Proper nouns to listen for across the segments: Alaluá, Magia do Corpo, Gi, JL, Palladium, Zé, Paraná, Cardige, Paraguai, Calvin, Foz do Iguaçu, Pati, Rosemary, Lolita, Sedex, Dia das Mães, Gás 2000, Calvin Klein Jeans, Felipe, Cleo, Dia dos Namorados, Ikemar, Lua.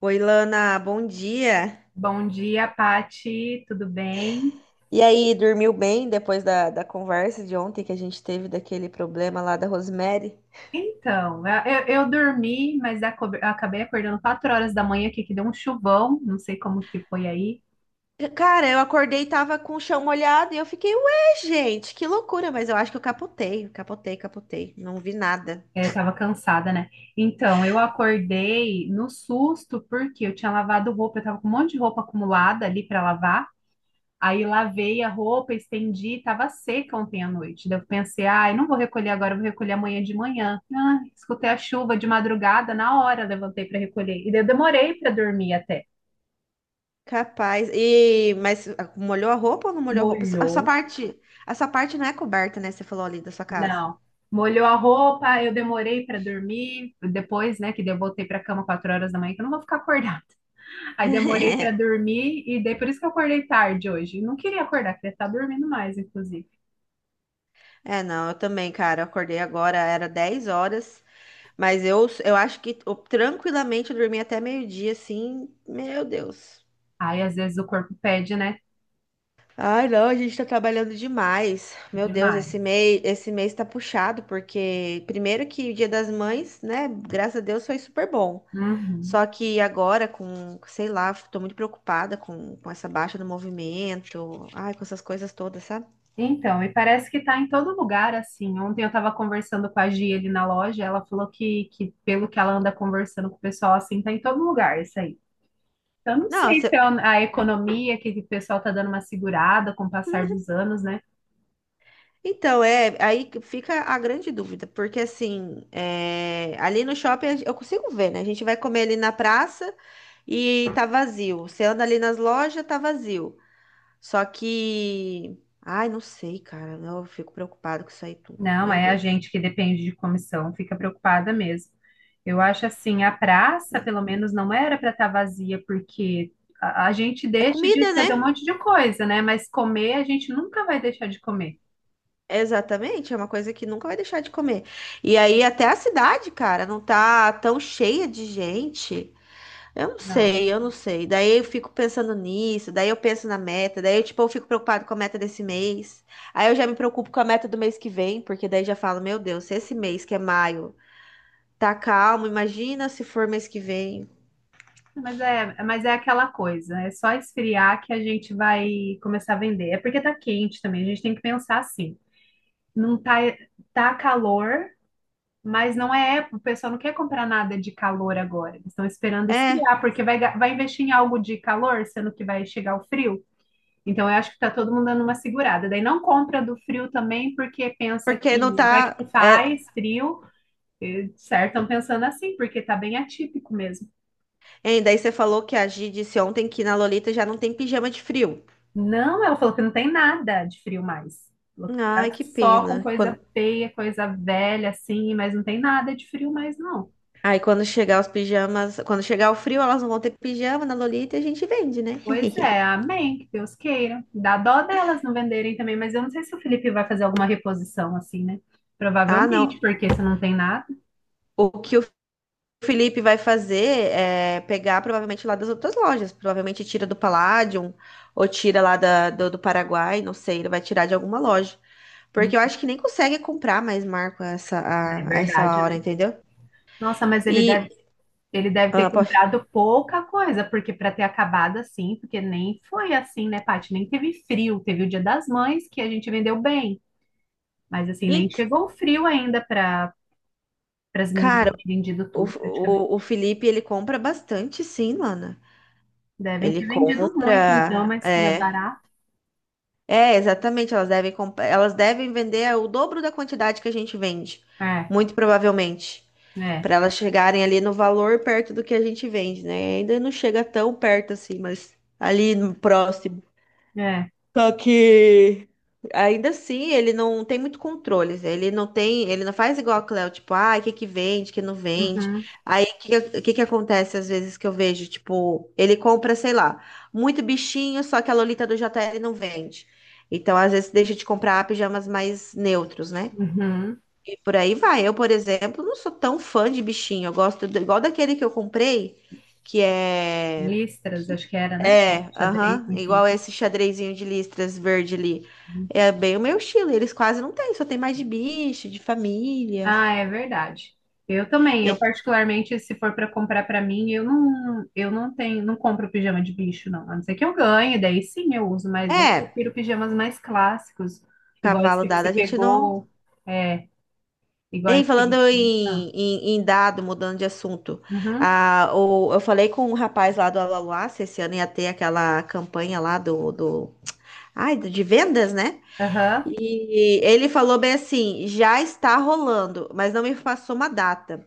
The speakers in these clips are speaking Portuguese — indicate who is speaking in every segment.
Speaker 1: Oi, Lana, bom dia.
Speaker 2: Bom dia, Pati, tudo bem?
Speaker 1: E aí, dormiu bem depois da conversa de ontem que a gente teve daquele problema lá da Rosemary?
Speaker 2: Então, eu dormi, mas eu acabei acordando 4 horas da manhã aqui, que deu um chuvão, não sei como que foi aí,
Speaker 1: Cara, eu acordei e tava com o chão molhado e eu fiquei, ué, gente, que loucura, mas eu acho que eu capotei, capotei, capotei, não vi nada.
Speaker 2: é, tava cansada, né? Então, eu acordei no susto, porque eu tinha lavado roupa, eu tava com um monte de roupa acumulada ali para lavar, aí lavei a roupa, estendi, tava seca ontem à noite, daí eu pensei, ai, não vou recolher agora, eu vou recolher amanhã de manhã. Ah, escutei a chuva de madrugada, na hora levantei para recolher, e daí eu demorei para dormir até.
Speaker 1: Capaz. E mas ah, molhou a roupa ou não molhou a roupa?
Speaker 2: Molhou.
Speaker 1: A sua parte não é coberta, né? Você falou ali da sua casa.
Speaker 2: Não. Molhou a roupa, eu demorei para dormir. Depois, né, que daí eu voltei para cama 4 horas da manhã, que eu não vou ficar acordada. Aí demorei para dormir e daí por isso que eu acordei tarde hoje. Não queria acordar, queria estar dormindo mais, inclusive.
Speaker 1: É, não, eu também, cara, eu acordei agora, era 10 horas. Mas eu acho que eu, tranquilamente eu dormi até meio-dia, assim. Meu Deus.
Speaker 2: Aí às vezes o corpo pede, né?
Speaker 1: Ai, não, a gente tá trabalhando demais. Meu Deus,
Speaker 2: Demais.
Speaker 1: esse mês tá puxado, porque primeiro que o Dia das Mães, né? Graças a Deus foi super bom.
Speaker 2: Uhum.
Speaker 1: Só que agora, com, sei lá, tô muito preocupada com essa baixa do movimento, ai, com essas coisas todas, sabe?
Speaker 2: Então, e parece que tá em todo lugar, assim. Ontem eu tava conversando com a Gi ali na loja, ela falou que pelo que ela anda conversando com o pessoal, assim, tá em todo lugar isso aí. Eu não
Speaker 1: Não,
Speaker 2: sei se é
Speaker 1: você.
Speaker 2: a economia que o pessoal está dando uma segurada com o passar dos anos, né?
Speaker 1: Então, é, aí que fica a grande dúvida, porque assim, é, ali no shopping eu consigo ver, né? A gente vai comer ali na praça e tá vazio. Você anda ali nas lojas, tá vazio. Só que, ai, não sei, cara, eu fico preocupado com isso aí tudo.
Speaker 2: Não,
Speaker 1: Meu
Speaker 2: é a
Speaker 1: Deus,
Speaker 2: gente que depende de comissão, fica preocupada mesmo. Eu acho assim, a praça,
Speaker 1: né?
Speaker 2: pelo menos, não era para estar vazia, porque a gente
Speaker 1: É
Speaker 2: deixa de
Speaker 1: comida, né?
Speaker 2: fazer um monte de coisa, né? Mas comer, a gente nunca vai deixar de comer.
Speaker 1: Exatamente, é uma coisa que nunca vai deixar de comer. E aí até a cidade, cara, não tá tão cheia de gente. Eu não
Speaker 2: Não.
Speaker 1: sei, eu não sei. Daí eu fico pensando nisso, daí eu penso na meta, daí eu, tipo, eu fico preocupado com a meta desse mês. Aí eu já me preocupo com a meta do mês que vem, porque daí já falo, meu Deus, se esse mês que é maio tá calmo, imagina se for mês que vem.
Speaker 2: Mas é aquela coisa, é só esfriar que a gente vai começar a vender. É porque tá quente também, a gente tem que pensar assim. Não tá, tá calor. Mas não é época, o pessoal não quer comprar nada de calor agora. Eles estão esperando
Speaker 1: É,
Speaker 2: esfriar, porque vai, vai investir em algo de calor, sendo que vai chegar o frio. Então, eu acho que está todo mundo dando uma segurada. Daí não compra do frio também, porque pensa
Speaker 1: porque
Speaker 2: que
Speaker 1: não
Speaker 2: vai que
Speaker 1: tá.
Speaker 2: faz frio. E, certo, estão pensando assim, porque está bem atípico mesmo.
Speaker 1: Hein, daí você falou que a Gi disse ontem que na Lolita já não tem pijama de frio.
Speaker 2: Não, ela falou que não tem nada de frio mais. Falou que
Speaker 1: Ai,
Speaker 2: tá
Speaker 1: que
Speaker 2: só com
Speaker 1: pena.
Speaker 2: coisa
Speaker 1: Quando...
Speaker 2: feia, coisa velha, assim, mas não tem nada de frio mais, não.
Speaker 1: Aí quando chegar os pijamas, quando chegar o frio, elas não vão ter pijama na Lolita e a gente vende, né?
Speaker 2: Pois é, amém, que Deus queira. Dá dó delas não venderem também, mas eu não sei se o Felipe vai fazer alguma reposição assim, né?
Speaker 1: Ah, não.
Speaker 2: Provavelmente, porque se não tem nada,
Speaker 1: O que o O Felipe vai fazer é pegar provavelmente lá das outras lojas. Provavelmente tira do Palladium ou tira lá do Paraguai, não sei. Ele vai tirar de alguma loja.
Speaker 2: hum,
Speaker 1: Porque eu acho que nem consegue comprar mais Marco essa,
Speaker 2: é
Speaker 1: essa
Speaker 2: verdade,
Speaker 1: hora,
Speaker 2: né?
Speaker 1: entendeu?
Speaker 2: Nossa, mas
Speaker 1: E,
Speaker 2: ele deve ter
Speaker 1: ah, pô,
Speaker 2: comprado pouca coisa, porque para ter acabado assim, porque nem foi assim, né, Paty? Nem teve frio, teve o Dia das Mães que a gente vendeu bem, mas assim, nem
Speaker 1: ent-
Speaker 2: chegou o frio ainda para para as meninas
Speaker 1: cara,
Speaker 2: que tinham vendido
Speaker 1: o,
Speaker 2: tudo,
Speaker 1: o, o
Speaker 2: praticamente.
Speaker 1: Felipe ele compra bastante, sim, Lana.
Speaker 2: Devem
Speaker 1: Ele
Speaker 2: ter vendido muito, então,
Speaker 1: compra.
Speaker 2: mas como é
Speaker 1: É,
Speaker 2: barato.
Speaker 1: é exatamente. Elas devem, elas devem vender o dobro da quantidade que a gente vende,
Speaker 2: É,
Speaker 1: muito provavelmente.
Speaker 2: é,
Speaker 1: Para elas chegarem ali no valor perto do que a gente vende, né? Ainda não chega tão perto assim, mas ali no próximo.
Speaker 2: é.
Speaker 1: Só que ainda assim ele não tem muito controle, Zé. Ele não tem, ele não faz igual a Cleo, tipo, ah, o que que vende, o que não vende.
Speaker 2: Uhum.
Speaker 1: Aí o que que acontece às vezes que eu vejo, tipo, ele compra, sei lá, muito bichinho, só que a Lolita do JL não vende. Então, às vezes, deixa de comprar pijamas mais neutros, né?
Speaker 2: Uhum.
Speaker 1: E por aí vai. Eu, por exemplo, não sou tão fã de bichinho. Eu gosto igual daquele que eu comprei, que é.
Speaker 2: Listras, acho que era, né? Bom,
Speaker 1: É,
Speaker 2: xadrez,
Speaker 1: aham,
Speaker 2: enfim.
Speaker 1: igual esse xadrezinho de listras verde ali. É bem o meu estilo. Eles quase não têm, só tem mais de bicho, de família.
Speaker 2: Ah, é verdade. Eu também, eu
Speaker 1: E-
Speaker 2: particularmente, se for para comprar para mim, eu não tenho, não compro pijama de bicho, não. A não ser que eu ganhe, daí sim eu uso, mas eu
Speaker 1: É,
Speaker 2: prefiro pijamas mais clássicos, iguais
Speaker 1: cavalo
Speaker 2: que
Speaker 1: dado,
Speaker 2: você
Speaker 1: a gente não.
Speaker 2: pegou, é, iguais
Speaker 1: Ei, falando
Speaker 2: que. Ah,
Speaker 1: em dado, mudando de assunto,
Speaker 2: uhum,
Speaker 1: ah, o, eu falei com um rapaz lá do Alaluá, se esse ano ia ter aquela campanha lá de vendas, né?
Speaker 2: aham.
Speaker 1: E ele falou bem assim, já está rolando, mas não me passou uma data.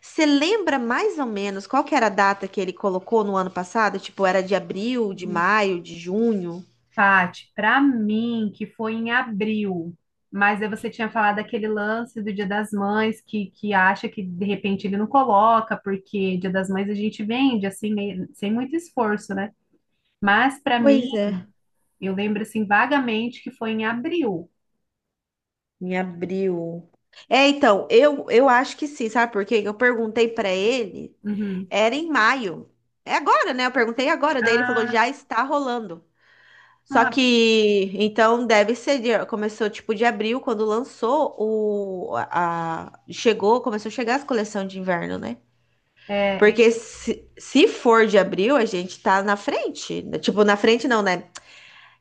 Speaker 1: Você lembra mais ou menos qual que era a data que ele colocou no ano passado? Tipo, era de abril, de
Speaker 2: Uhum.
Speaker 1: maio, de junho?
Speaker 2: Paty, para mim, que foi em abril, mas aí você tinha falado aquele lance do Dia das Mães, que acha que de repente ele não coloca, porque Dia das Mães a gente vende, assim, sem muito esforço, né? Mas para mim,
Speaker 1: Pois é.
Speaker 2: eu lembro, assim, vagamente que foi em abril.
Speaker 1: Em abril. É, então, eu acho que sim, sabe por quê? Eu perguntei pra ele,
Speaker 2: Uhum.
Speaker 1: era em maio. É agora, né? Eu perguntei agora, daí ele falou,
Speaker 2: Ah,
Speaker 1: já está rolando. Só
Speaker 2: ah,
Speaker 1: que, então, deve ser, começou tipo de abril, quando lançou o, a, chegou, começou a chegar as coleções de inverno, né?
Speaker 2: é.
Speaker 1: Porque se for de abril, a gente tá na frente, né? Tipo, na frente não, né?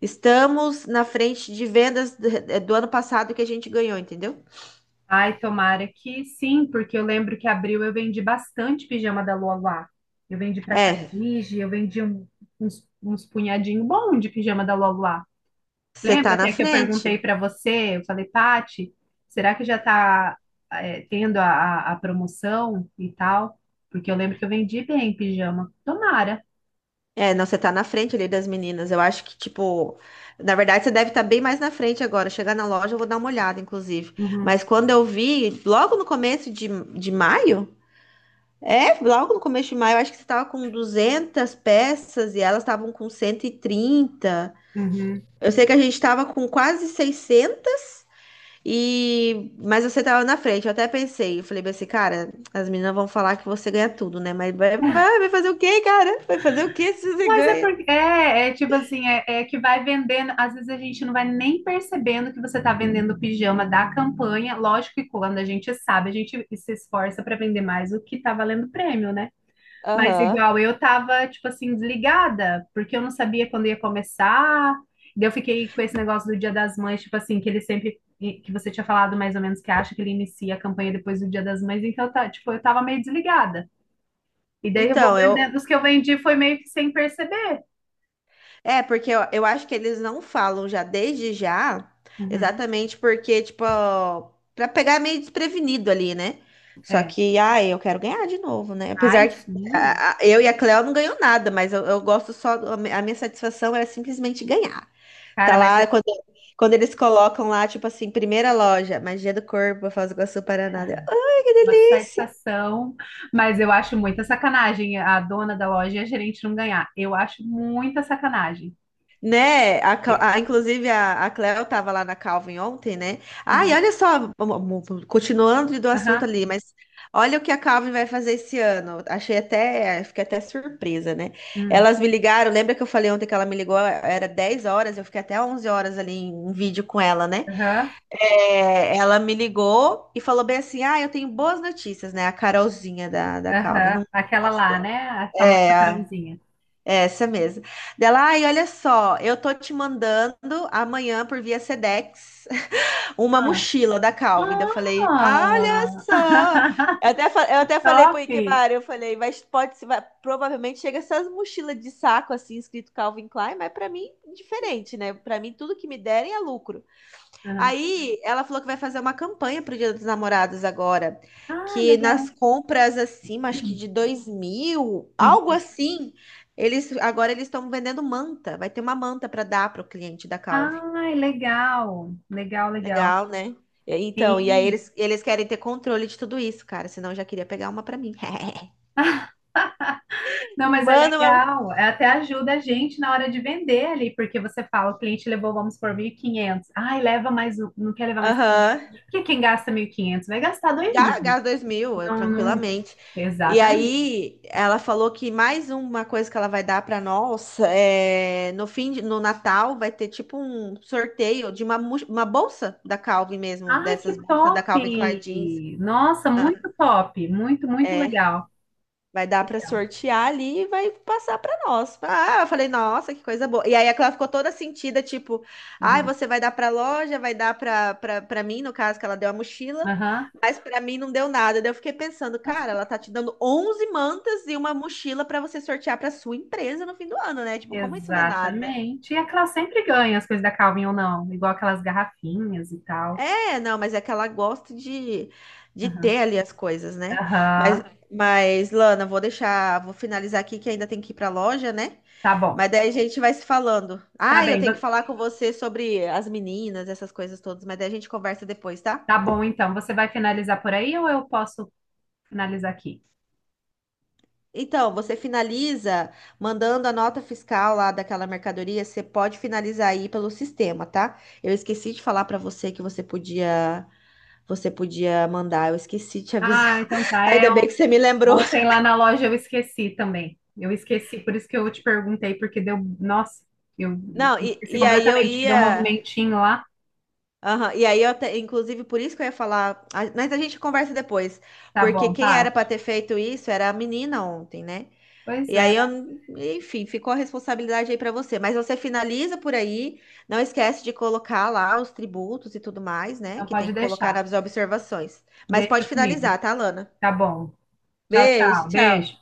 Speaker 1: Estamos na frente de vendas do, do ano passado que a gente ganhou, entendeu?
Speaker 2: Ai, tomara que sim, porque eu lembro que abril eu vendi bastante pijama da Lua lá. Eu vendi para
Speaker 1: É,
Speaker 2: Cardige, uns, uns punhadinho bom de pijama da Lua.
Speaker 1: você
Speaker 2: Lembra
Speaker 1: tá na
Speaker 2: até que eu
Speaker 1: frente.
Speaker 2: perguntei para você, eu falei, Pati, será que já está tendo a promoção e tal? Porque eu lembro que eu vendi bem pijama. Tomara.
Speaker 1: É, não, você tá na frente ali das meninas. Eu acho que, tipo, na verdade você deve estar bem mais na frente agora. Chegar na loja, eu vou dar uma olhada, inclusive.
Speaker 2: Uhum,
Speaker 1: Mas quando eu vi, logo no começo de, de maio, logo no começo de maio, eu acho que você tava com 200 peças e elas estavam com 130.
Speaker 2: uhum.
Speaker 1: Eu sei que a gente tava com quase 600 e mas você tava na frente. Eu até pensei, eu falei bem assim, cara, as meninas vão falar que você ganha tudo, né? Mas vai, vai fazer o quê, cara? Vai fazer o quê se você
Speaker 2: Mas é
Speaker 1: ganha?
Speaker 2: porque é tipo assim, é que vai vendendo, às vezes a gente não vai nem percebendo que você está vendendo pijama da campanha. Lógico que quando a gente sabe, a gente se esforça para vender mais o que está valendo prêmio, né? Mas
Speaker 1: Aham.
Speaker 2: igual, eu tava, tipo assim, desligada, porque eu não sabia quando ia começar. Daí eu fiquei com esse negócio do Dia das Mães, tipo assim, que ele sempre, que você tinha falado mais ou menos que acha que ele inicia a campanha depois do Dia das Mães, então eu tá, tipo, eu tava meio desligada. E daí eu vou
Speaker 1: Então, eu.
Speaker 2: vendendo, os que eu vendi foi meio que sem perceber.
Speaker 1: É, porque eu, acho que eles não falam já desde já,
Speaker 2: Uhum,
Speaker 1: exatamente porque, tipo, ó, pra pegar meio desprevenido ali, né? Só
Speaker 2: é.
Speaker 1: que, ai, eu quero ganhar de novo, né?
Speaker 2: Ai,
Speaker 1: Apesar que
Speaker 2: sim.
Speaker 1: eu e a Cleo não ganhou nada, mas eu gosto só. A minha satisfação é simplesmente ganhar. Tá
Speaker 2: Cara, mas
Speaker 1: lá,
Speaker 2: é
Speaker 1: quando, quando eles colocam lá, tipo assim, primeira loja, Magia do Corpo, Foz do Iguaçu, Paraná. Eu, ai, que
Speaker 2: uma
Speaker 1: delícia!
Speaker 2: satisfação. Mas eu acho muita sacanagem a dona da loja e a gerente não ganhar. Eu acho muita sacanagem.
Speaker 1: Né? Inclusive, a Cleo estava lá na Calvin ontem, né? Ai,
Speaker 2: Uhum.
Speaker 1: olha só, continuando do assunto
Speaker 2: Aham.
Speaker 1: ali, mas olha o que a Calvin vai fazer esse ano. Achei até, fiquei até surpresa, né?
Speaker 2: Uhum.
Speaker 1: Elas me ligaram, lembra que eu falei ontem que ela me ligou, era 10 horas, eu fiquei até 11 horas ali em um vídeo com ela, né?
Speaker 2: Aham,
Speaker 1: É, ela me ligou e falou bem assim: ah, eu tenho boas notícias, né? A Carolzinha da Calvin,
Speaker 2: aham.
Speaker 1: não
Speaker 2: Aquela
Speaker 1: gosto
Speaker 2: lá,
Speaker 1: dela.
Speaker 2: né? A famosa
Speaker 1: É,
Speaker 2: macarrãozinha.
Speaker 1: essa mesmo. Dela, ai, olha só, eu tô te mandando amanhã por via Sedex uma
Speaker 2: Ah,
Speaker 1: mochila da Calvin. Daí eu falei, olha
Speaker 2: ah!
Speaker 1: só. Eu até falei pro
Speaker 2: Top!
Speaker 1: Ikemar, eu falei, mas pode, vai, provavelmente chega essas mochilas de saco assim, escrito Calvin Klein, mas pra mim, diferente, né? Pra mim, tudo que me derem é lucro.
Speaker 2: Aham.
Speaker 1: Aí ela falou que vai fazer uma campanha pro Dia dos Namorados agora.
Speaker 2: Ah,
Speaker 1: Que nas
Speaker 2: legal.
Speaker 1: compras acima, acho que de 2.000, algo
Speaker 2: Uhum.
Speaker 1: assim, eles agora eles estão vendendo manta. Vai ter uma manta para dar pro cliente da Calvi.
Speaker 2: Ai, legal. Legal, legal.
Speaker 1: Legal, né? Então, e aí
Speaker 2: Sim.
Speaker 1: eles querem ter controle de tudo isso, cara. Senão eu já queria pegar uma para mim.
Speaker 2: Não, mas é
Speaker 1: Manda uma.
Speaker 2: legal. É, até ajuda a gente na hora de vender ali, porque você fala, o cliente levou, vamos por 1.500. Ai, leva mais um, não quer levar mais
Speaker 1: Aham.
Speaker 2: 500. Porque quem gasta 1.500? Vai gastar dois mil?
Speaker 1: Gás 2000, eu,
Speaker 2: Não, não.
Speaker 1: tranquilamente. E
Speaker 2: Exatamente.
Speaker 1: aí, ela falou que mais uma coisa que ela vai dar para nós é no fim de, no Natal vai ter tipo um sorteio de uma, uma bolsa da Calvin mesmo,
Speaker 2: Ai, que
Speaker 1: dessas bolsas da
Speaker 2: top!
Speaker 1: Calvin Klein Jeans.
Speaker 2: Nossa,
Speaker 1: Ah,
Speaker 2: muito top, muito, muito
Speaker 1: é.
Speaker 2: legal.
Speaker 1: Vai dar para sortear ali e vai passar para nós. Ah, eu falei, nossa, que coisa boa. E aí ela ficou toda sentida, tipo, ai,
Speaker 2: Uhum.
Speaker 1: você vai dar para loja, vai dar para mim, no caso que ela deu a mochila,
Speaker 2: Aham.
Speaker 1: mas para mim não deu nada. Daí eu fiquei pensando,
Speaker 2: Nossa,
Speaker 1: cara, ela tá te dando 11 mantas e uma mochila para você sortear para sua empresa no fim do ano, né? Tipo, como isso não é nada?
Speaker 2: exatamente. E aquelas sempre ganham as coisas da Calvin ou não, igual aquelas garrafinhas e tal.
Speaker 1: É, não, mas é que ela gosta de
Speaker 2: Aham.
Speaker 1: ter ali as coisas, né? Mas,
Speaker 2: Aham.
Speaker 1: mas, Lana, vou deixar, vou finalizar aqui que ainda tem que ir para a loja, né?
Speaker 2: Tá bom.
Speaker 1: Mas daí a gente vai se falando.
Speaker 2: Tá
Speaker 1: Ah, eu
Speaker 2: bem,
Speaker 1: tenho que falar com você sobre as meninas, essas coisas todas, mas daí a gente conversa depois, tá?
Speaker 2: tá bom então. Você vai finalizar por aí ou eu posso finalizar aqui?
Speaker 1: Então, você finaliza mandando a nota fiscal lá daquela mercadoria, você pode finalizar aí pelo sistema, tá? Eu esqueci de falar para você que você podia mandar, eu esqueci de te
Speaker 2: Ah,
Speaker 1: avisar.
Speaker 2: então tá.
Speaker 1: Ainda bem que você me lembrou.
Speaker 2: Ontem lá na loja eu esqueci também. Eu esqueci, por isso que eu te perguntei, porque deu. Nossa, eu
Speaker 1: Não, e,
Speaker 2: esqueci
Speaker 1: e aí eu
Speaker 2: completamente, que deu um
Speaker 1: ia.
Speaker 2: movimentinho lá.
Speaker 1: Aham, e aí eu, inclusive, por isso que eu ia falar. Mas a gente conversa depois.
Speaker 2: Tá
Speaker 1: Porque
Speaker 2: bom,
Speaker 1: quem era pra
Speaker 2: Paty?
Speaker 1: ter feito isso era a menina ontem, né?
Speaker 2: Pois
Speaker 1: E
Speaker 2: é,
Speaker 1: aí eu, enfim, ficou a responsabilidade aí pra você. Mas você finaliza por aí, não esquece de colocar lá os tributos e tudo mais, né?
Speaker 2: não
Speaker 1: Que tem
Speaker 2: pode
Speaker 1: que colocar
Speaker 2: deixar.
Speaker 1: nas observações. Mas
Speaker 2: Deixa
Speaker 1: pode
Speaker 2: comigo.
Speaker 1: finalizar, tá, Lana?
Speaker 2: Tá bom. Tchau,
Speaker 1: Beijo,
Speaker 2: tchau.
Speaker 1: tchau.
Speaker 2: Beijo.